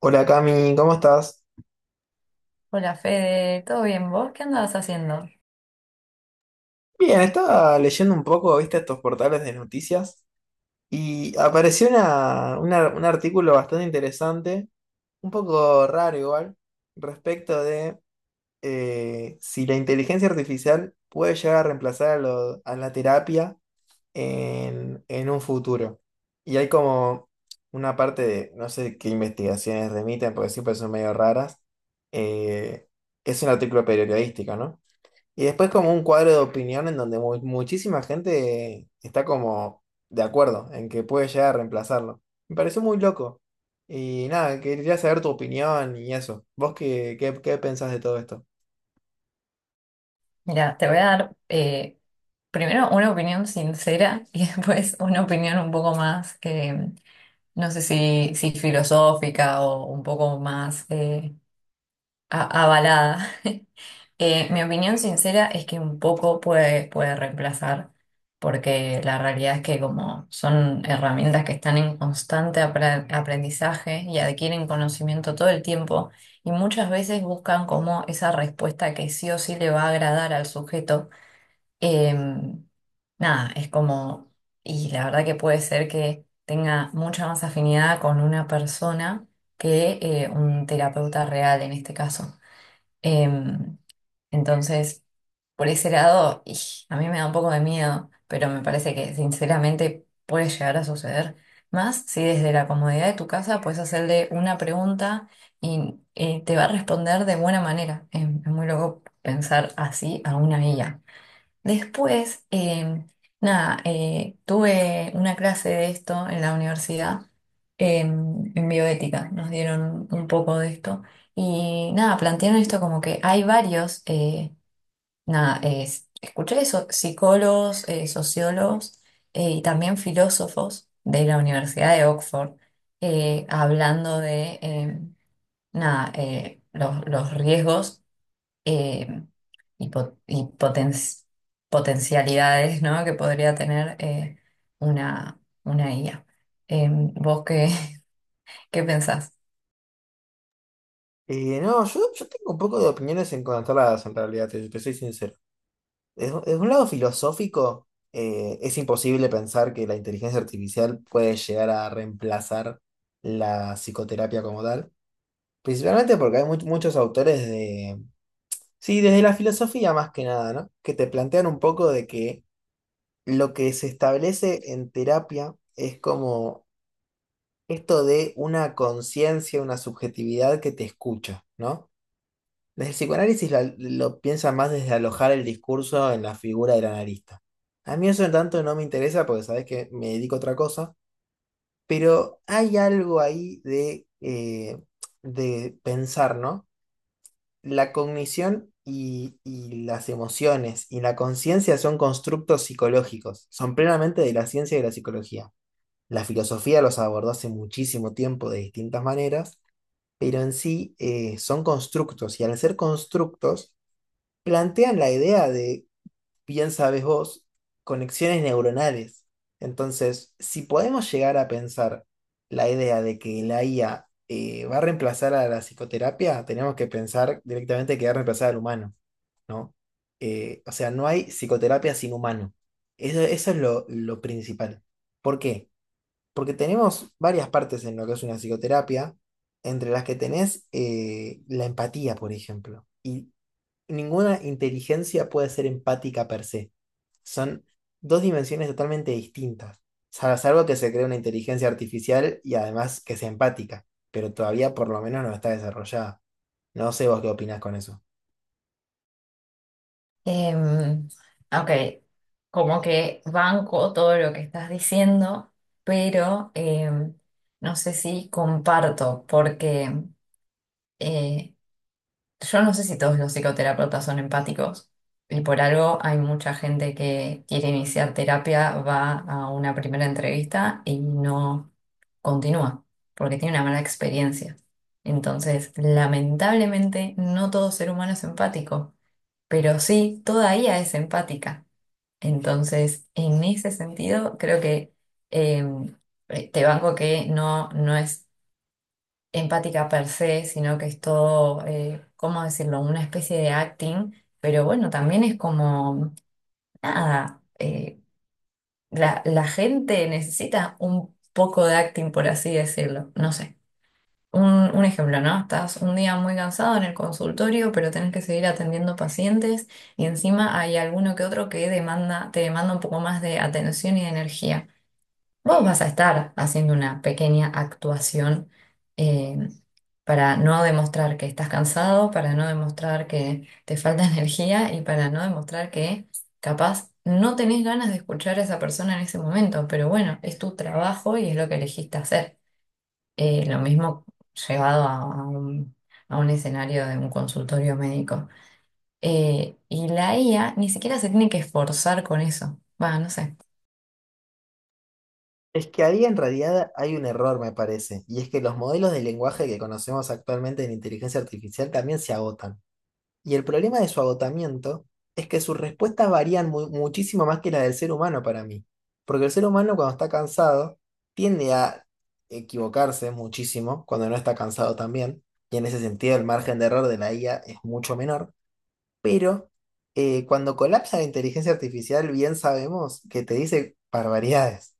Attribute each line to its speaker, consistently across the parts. Speaker 1: Hola Cami, ¿cómo estás?
Speaker 2: Hola Fede, ¿todo bien? ¿Vos qué andabas haciendo?
Speaker 1: Bien, estaba leyendo un poco, viste, estos portales de noticias y apareció un artículo bastante interesante, un poco raro igual, respecto de si la inteligencia artificial puede llegar a reemplazar a la terapia en un futuro. Y hay como una parte de, no sé qué investigaciones remiten, porque siempre son medio raras. eh, es un artículo periodístico, ¿no? Y después como un cuadro de opinión en donde muchísima gente está como de acuerdo en que puede llegar a reemplazarlo. Me pareció muy loco. Y nada, quería saber tu opinión y eso. ¿Vos qué pensás de todo esto?
Speaker 2: Mira, te voy a dar primero una opinión sincera y después una opinión un poco más, no sé si, si filosófica o un poco más avalada. Mi opinión sincera es que un poco puede, puede reemplazar, porque la realidad es que como son herramientas que están en constante aprendizaje y adquieren conocimiento todo el tiempo, y muchas veces buscan como esa respuesta que sí o sí le va a agradar al sujeto. Em, nada, es como, y la verdad que puede ser que tenga mucha más afinidad con una persona que un terapeuta real en este caso. Em, entonces... Por ese lado, y a mí me da un poco de miedo, pero me parece que sinceramente puede llegar a suceder. Más si desde la comodidad de tu casa puedes hacerle una pregunta y te va a responder de buena manera. Es muy loco pensar así a una IA. Después, nada, tuve una clase de esto en la universidad, en bioética. Nos dieron un poco de esto. Y nada, plantearon esto como que hay varios. Nada, Escuché eso, psicólogos, sociólogos, y también filósofos de la Universidad de Oxford, hablando de nada, los riesgos, eh, y potencialidades, ¿no?, que podría tener una IA. ¿vos qué, qué pensás?
Speaker 1: No, yo tengo un poco de opiniones encontradas en realidad, te soy sincero. Desde un lado filosófico, es imposible pensar que la inteligencia artificial puede llegar a reemplazar la psicoterapia como tal. Principalmente porque hay muchos autores de sí, desde la filosofía más que nada, ¿no? Que te plantean un poco de que lo que se establece en terapia es como esto de una conciencia, una subjetividad que te escucha, ¿no? Desde el psicoanálisis lo piensan más desde alojar el discurso en la figura del analista. A mí eso en tanto no me interesa porque sabes que me dedico a otra cosa, pero hay algo ahí de pensar, ¿no? La cognición y las emociones y la conciencia son constructos psicológicos, son plenamente de la ciencia y de la psicología. La filosofía los abordó hace muchísimo tiempo de distintas maneras, pero en sí son constructos y al ser constructos plantean la idea de bien sabes vos, conexiones neuronales. Entonces, si podemos llegar a pensar la idea de que la IA va a reemplazar a la psicoterapia, tenemos que pensar directamente que va a reemplazar al humano, ¿no? O sea, no hay psicoterapia sin humano. Eso es lo principal. ¿Por qué? Porque tenemos varias partes en lo que es una psicoterapia, entre las que tenés la empatía, por ejemplo. Y ninguna inteligencia puede ser empática per se. Son dos dimensiones totalmente distintas. Salvo que se cree una inteligencia artificial y además que sea empática, pero todavía por lo menos no está desarrollada. No sé vos qué opinás con eso.
Speaker 2: Em, ok, como que banco todo lo que estás diciendo, pero no sé si comparto, porque eh, yo no sé si todos los psicoterapeutas son empáticos y por algo hay mucha gente que quiere iniciar terapia, va a una primera entrevista y no continúa, porque tiene una mala experiencia. Entonces, lamentablemente, no todo ser humano es empático, pero sí, toda ella es empática. Entonces, en ese sentido, creo que em, te banco que no, no es empática per se, sino que es todo, ¿cómo decirlo?, una especie de acting, pero bueno, también es como, nada, la, la gente necesita un poco de acting, por así decirlo, no sé. Un, un ejemplo, ¿no? Estás un día muy cansado en el consultorio, pero tenés que seguir atendiendo pacientes y encima hay alguno que otro que demanda, te demanda un poco más de atención y de energía. Vos vas a estar haciendo una pequeña actuación eh, para no demostrar que estás cansado, para no demostrar que te falta energía y para no demostrar que capaz no tenés ganas de escuchar a esa persona en ese momento, pero bueno, es tu trabajo y es lo que elegiste hacer. Lo mismo llevado a un escenario de un consultorio médico. Y la IA ni siquiera se tiene que esforzar con eso. Va, no sé.
Speaker 1: Es que ahí en realidad hay un error, me parece, y es que los modelos de lenguaje que conocemos actualmente en inteligencia artificial también se agotan. Y el problema de su agotamiento es que sus respuestas varían muchísimo más que las del ser humano para mí. Porque el ser humano cuando está cansado tiende a equivocarse muchísimo cuando no está cansado también. Y en ese sentido el margen de error de la IA es mucho menor. Pero cuando colapsa la inteligencia artificial bien sabemos que te dice barbaridades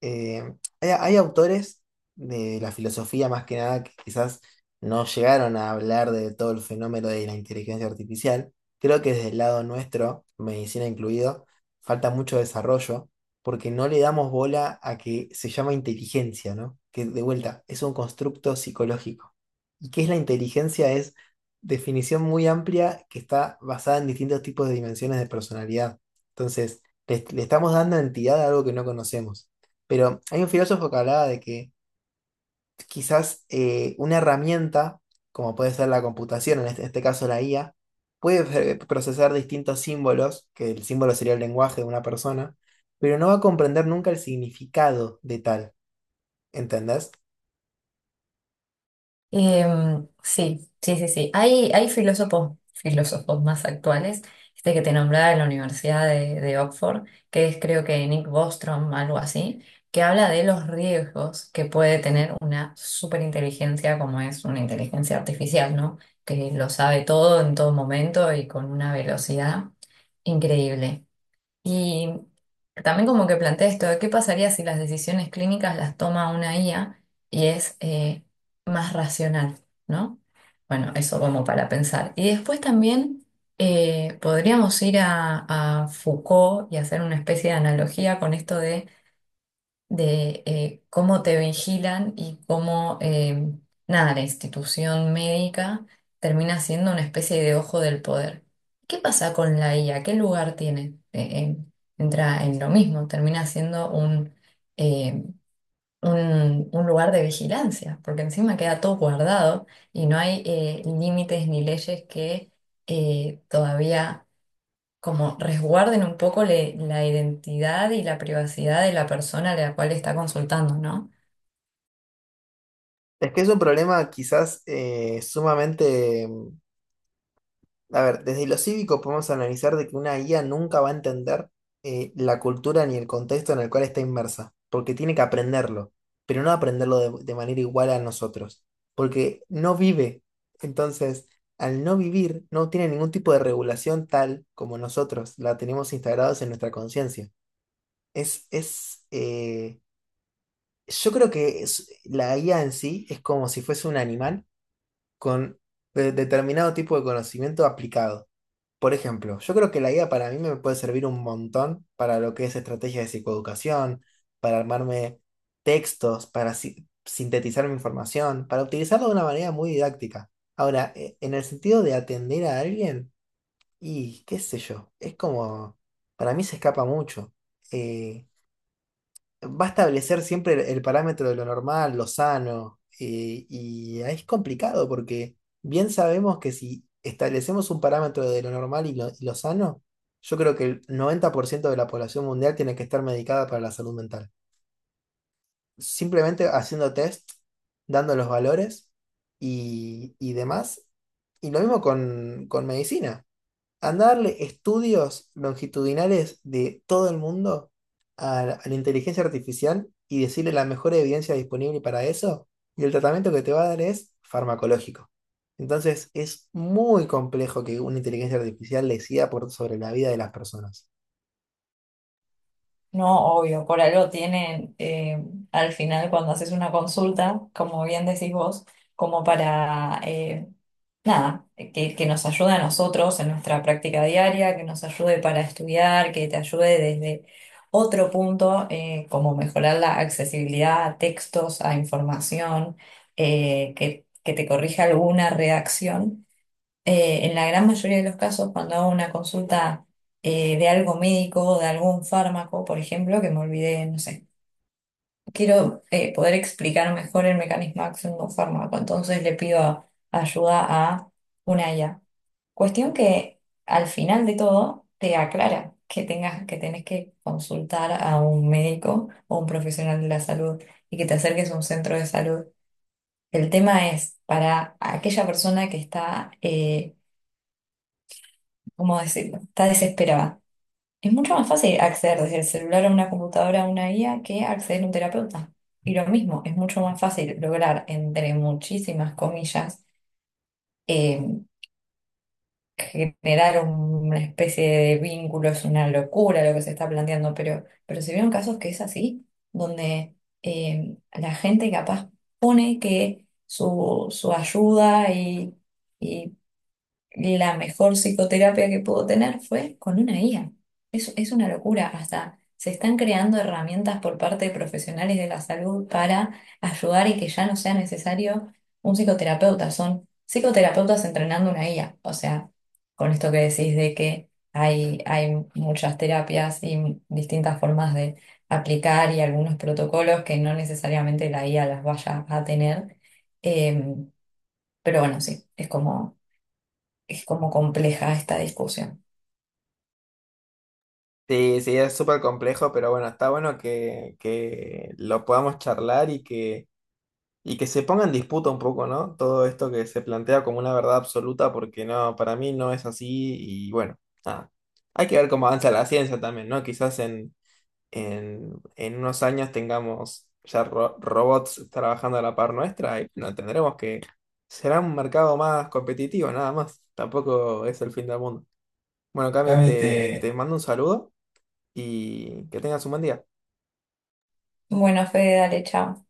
Speaker 1: eh, hay autores de la filosofía más que nada que quizás no llegaron a hablar de todo el fenómeno de la inteligencia artificial. Creo que desde el lado nuestro, medicina incluido, falta mucho desarrollo porque no le damos bola a que se llama inteligencia, ¿no? Que de vuelta es un constructo psicológico. ¿Y qué es la inteligencia? Es definición muy amplia que está basada en distintos tipos de dimensiones de personalidad. Entonces, le estamos dando entidad a algo que no conocemos. Pero hay un filósofo que hablaba de que quizás una herramienta, como puede ser la computación, en este caso la IA, puede procesar distintos símbolos, que el símbolo sería el lenguaje de una persona, pero no va a comprender nunca el significado de tal, ¿entendés?
Speaker 2: Em, sí, sí, sí, sí. Hay filósofos, filósofos más actuales, este que te nombraba de la Universidad de Oxford, que es creo que Nick Bostrom, algo así, que habla de los riesgos que puede tener una superinteligencia como es una inteligencia artificial, ¿no? Que lo sabe todo en todo momento y con una velocidad increíble. Y también como que planteé esto, de ¿qué pasaría si las decisiones clínicas las toma una IA y es más racional, ¿no? Bueno, eso como para pensar. Y después también podríamos ir a Foucault y hacer una especie de analogía con esto de cómo te vigilan y cómo, nada, la institución médica termina siendo una especie de ojo del poder. ¿Qué pasa con la IA? ¿Qué lugar tiene? Entra en lo mismo, termina siendo eh, un lugar de vigilancia, porque encima queda todo guardado y no hay límites ni leyes que todavía como resguarden un poco la identidad y la privacidad de la persona a la cual está consultando, ¿no?
Speaker 1: Es que es un problema quizás sumamente... A ver, desde lo cívico podemos analizar de que una IA nunca va a entender la cultura ni el contexto en el cual está inmersa, porque tiene que aprenderlo, pero no aprenderlo de manera igual a nosotros, porque no vive. Entonces, al no vivir, no tiene ningún tipo de regulación tal como nosotros la tenemos instalados en nuestra conciencia. Es, es, eh, yo creo que la IA en sí es como si fuese un animal con determinado tipo de conocimiento aplicado. Por ejemplo, yo creo que la guía para mí me puede servir un montón para lo que es estrategia de psicoeducación, para armarme textos, para sintetizar mi información, para utilizarlo de una manera muy didáctica. Ahora, en el sentido de atender a alguien, y qué sé yo, es como, para mí se escapa mucho. eh, Va a establecer siempre el parámetro de lo normal, lo sano, y ahí es complicado porque bien sabemos que si establecemos un parámetro de lo normal y lo sano, yo creo que el 90% de la población mundial tiene que estar medicada para la salud mental. Simplemente haciendo test, dando los valores y demás. Y lo mismo con medicina. Andá a darle estudios longitudinales de todo el mundo a a la inteligencia artificial y decirle la mejor evidencia disponible para eso, y el tratamiento que te va a dar es farmacológico. Entonces, es muy complejo que una inteligencia artificial decida por, sobre la vida de las personas.
Speaker 2: No, obvio, por algo tienen, al final cuando haces una consulta, como bien decís vos, como para, nada, que nos ayude a nosotros en nuestra práctica diaria, que nos ayude para estudiar, que te ayude desde otro punto, como mejorar la accesibilidad a textos, a información, que te corrija alguna redacción. En la gran mayoría de los casos, cuando hago una consulta de algo médico o de algún fármaco, por ejemplo, que me olvidé, no sé, quiero poder explicar mejor el mecanismo de acción de un fármaco, entonces le pido ayuda a una IA. Cuestión que al final de todo te aclara que tengas, que tenés que consultar a un médico o un profesional de la salud y que te acerques a un centro de salud. El tema es para aquella persona que está, ¿cómo decirlo?, está desesperada. Es mucho más fácil acceder desde el celular a una computadora a una guía que acceder a un terapeuta. Y lo mismo, es mucho más fácil lograr, entre muchísimas comillas, eh, generar una especie de vínculo, es una locura lo que se está planteando, pero se vieron casos que es así, donde la gente capaz pone que su ayuda y la mejor psicoterapia que pudo tener fue con una IA. Es una locura. Hasta se están creando herramientas por parte de profesionales de la salud para ayudar y que ya no sea necesario un psicoterapeuta. Son psicoterapeutas entrenando una IA. O sea, con esto que decís de que hay muchas terapias y distintas formas de aplicar y algunos protocolos que no necesariamente la IA las vaya a tener. Em, pero bueno, sí, es como compleja esta discusión.
Speaker 1: Sí, sí, es súper complejo, pero bueno, está bueno que lo podamos charlar y que... Y que se ponga en disputa un poco, ¿no? Todo esto que se plantea como una verdad absoluta, porque no, para mí no es así. Y bueno, nada. Hay que ver cómo avanza la ciencia también, ¿no? Quizás en unos años tengamos ya robots trabajando a la par nuestra y no tendremos que. Será un mercado más competitivo, nada más. Tampoco es el fin del mundo. Bueno, Cami,
Speaker 2: Cami, te...
Speaker 1: te mando un saludo y que tengas un buen día.
Speaker 2: Bueno, Fede, dale, chao.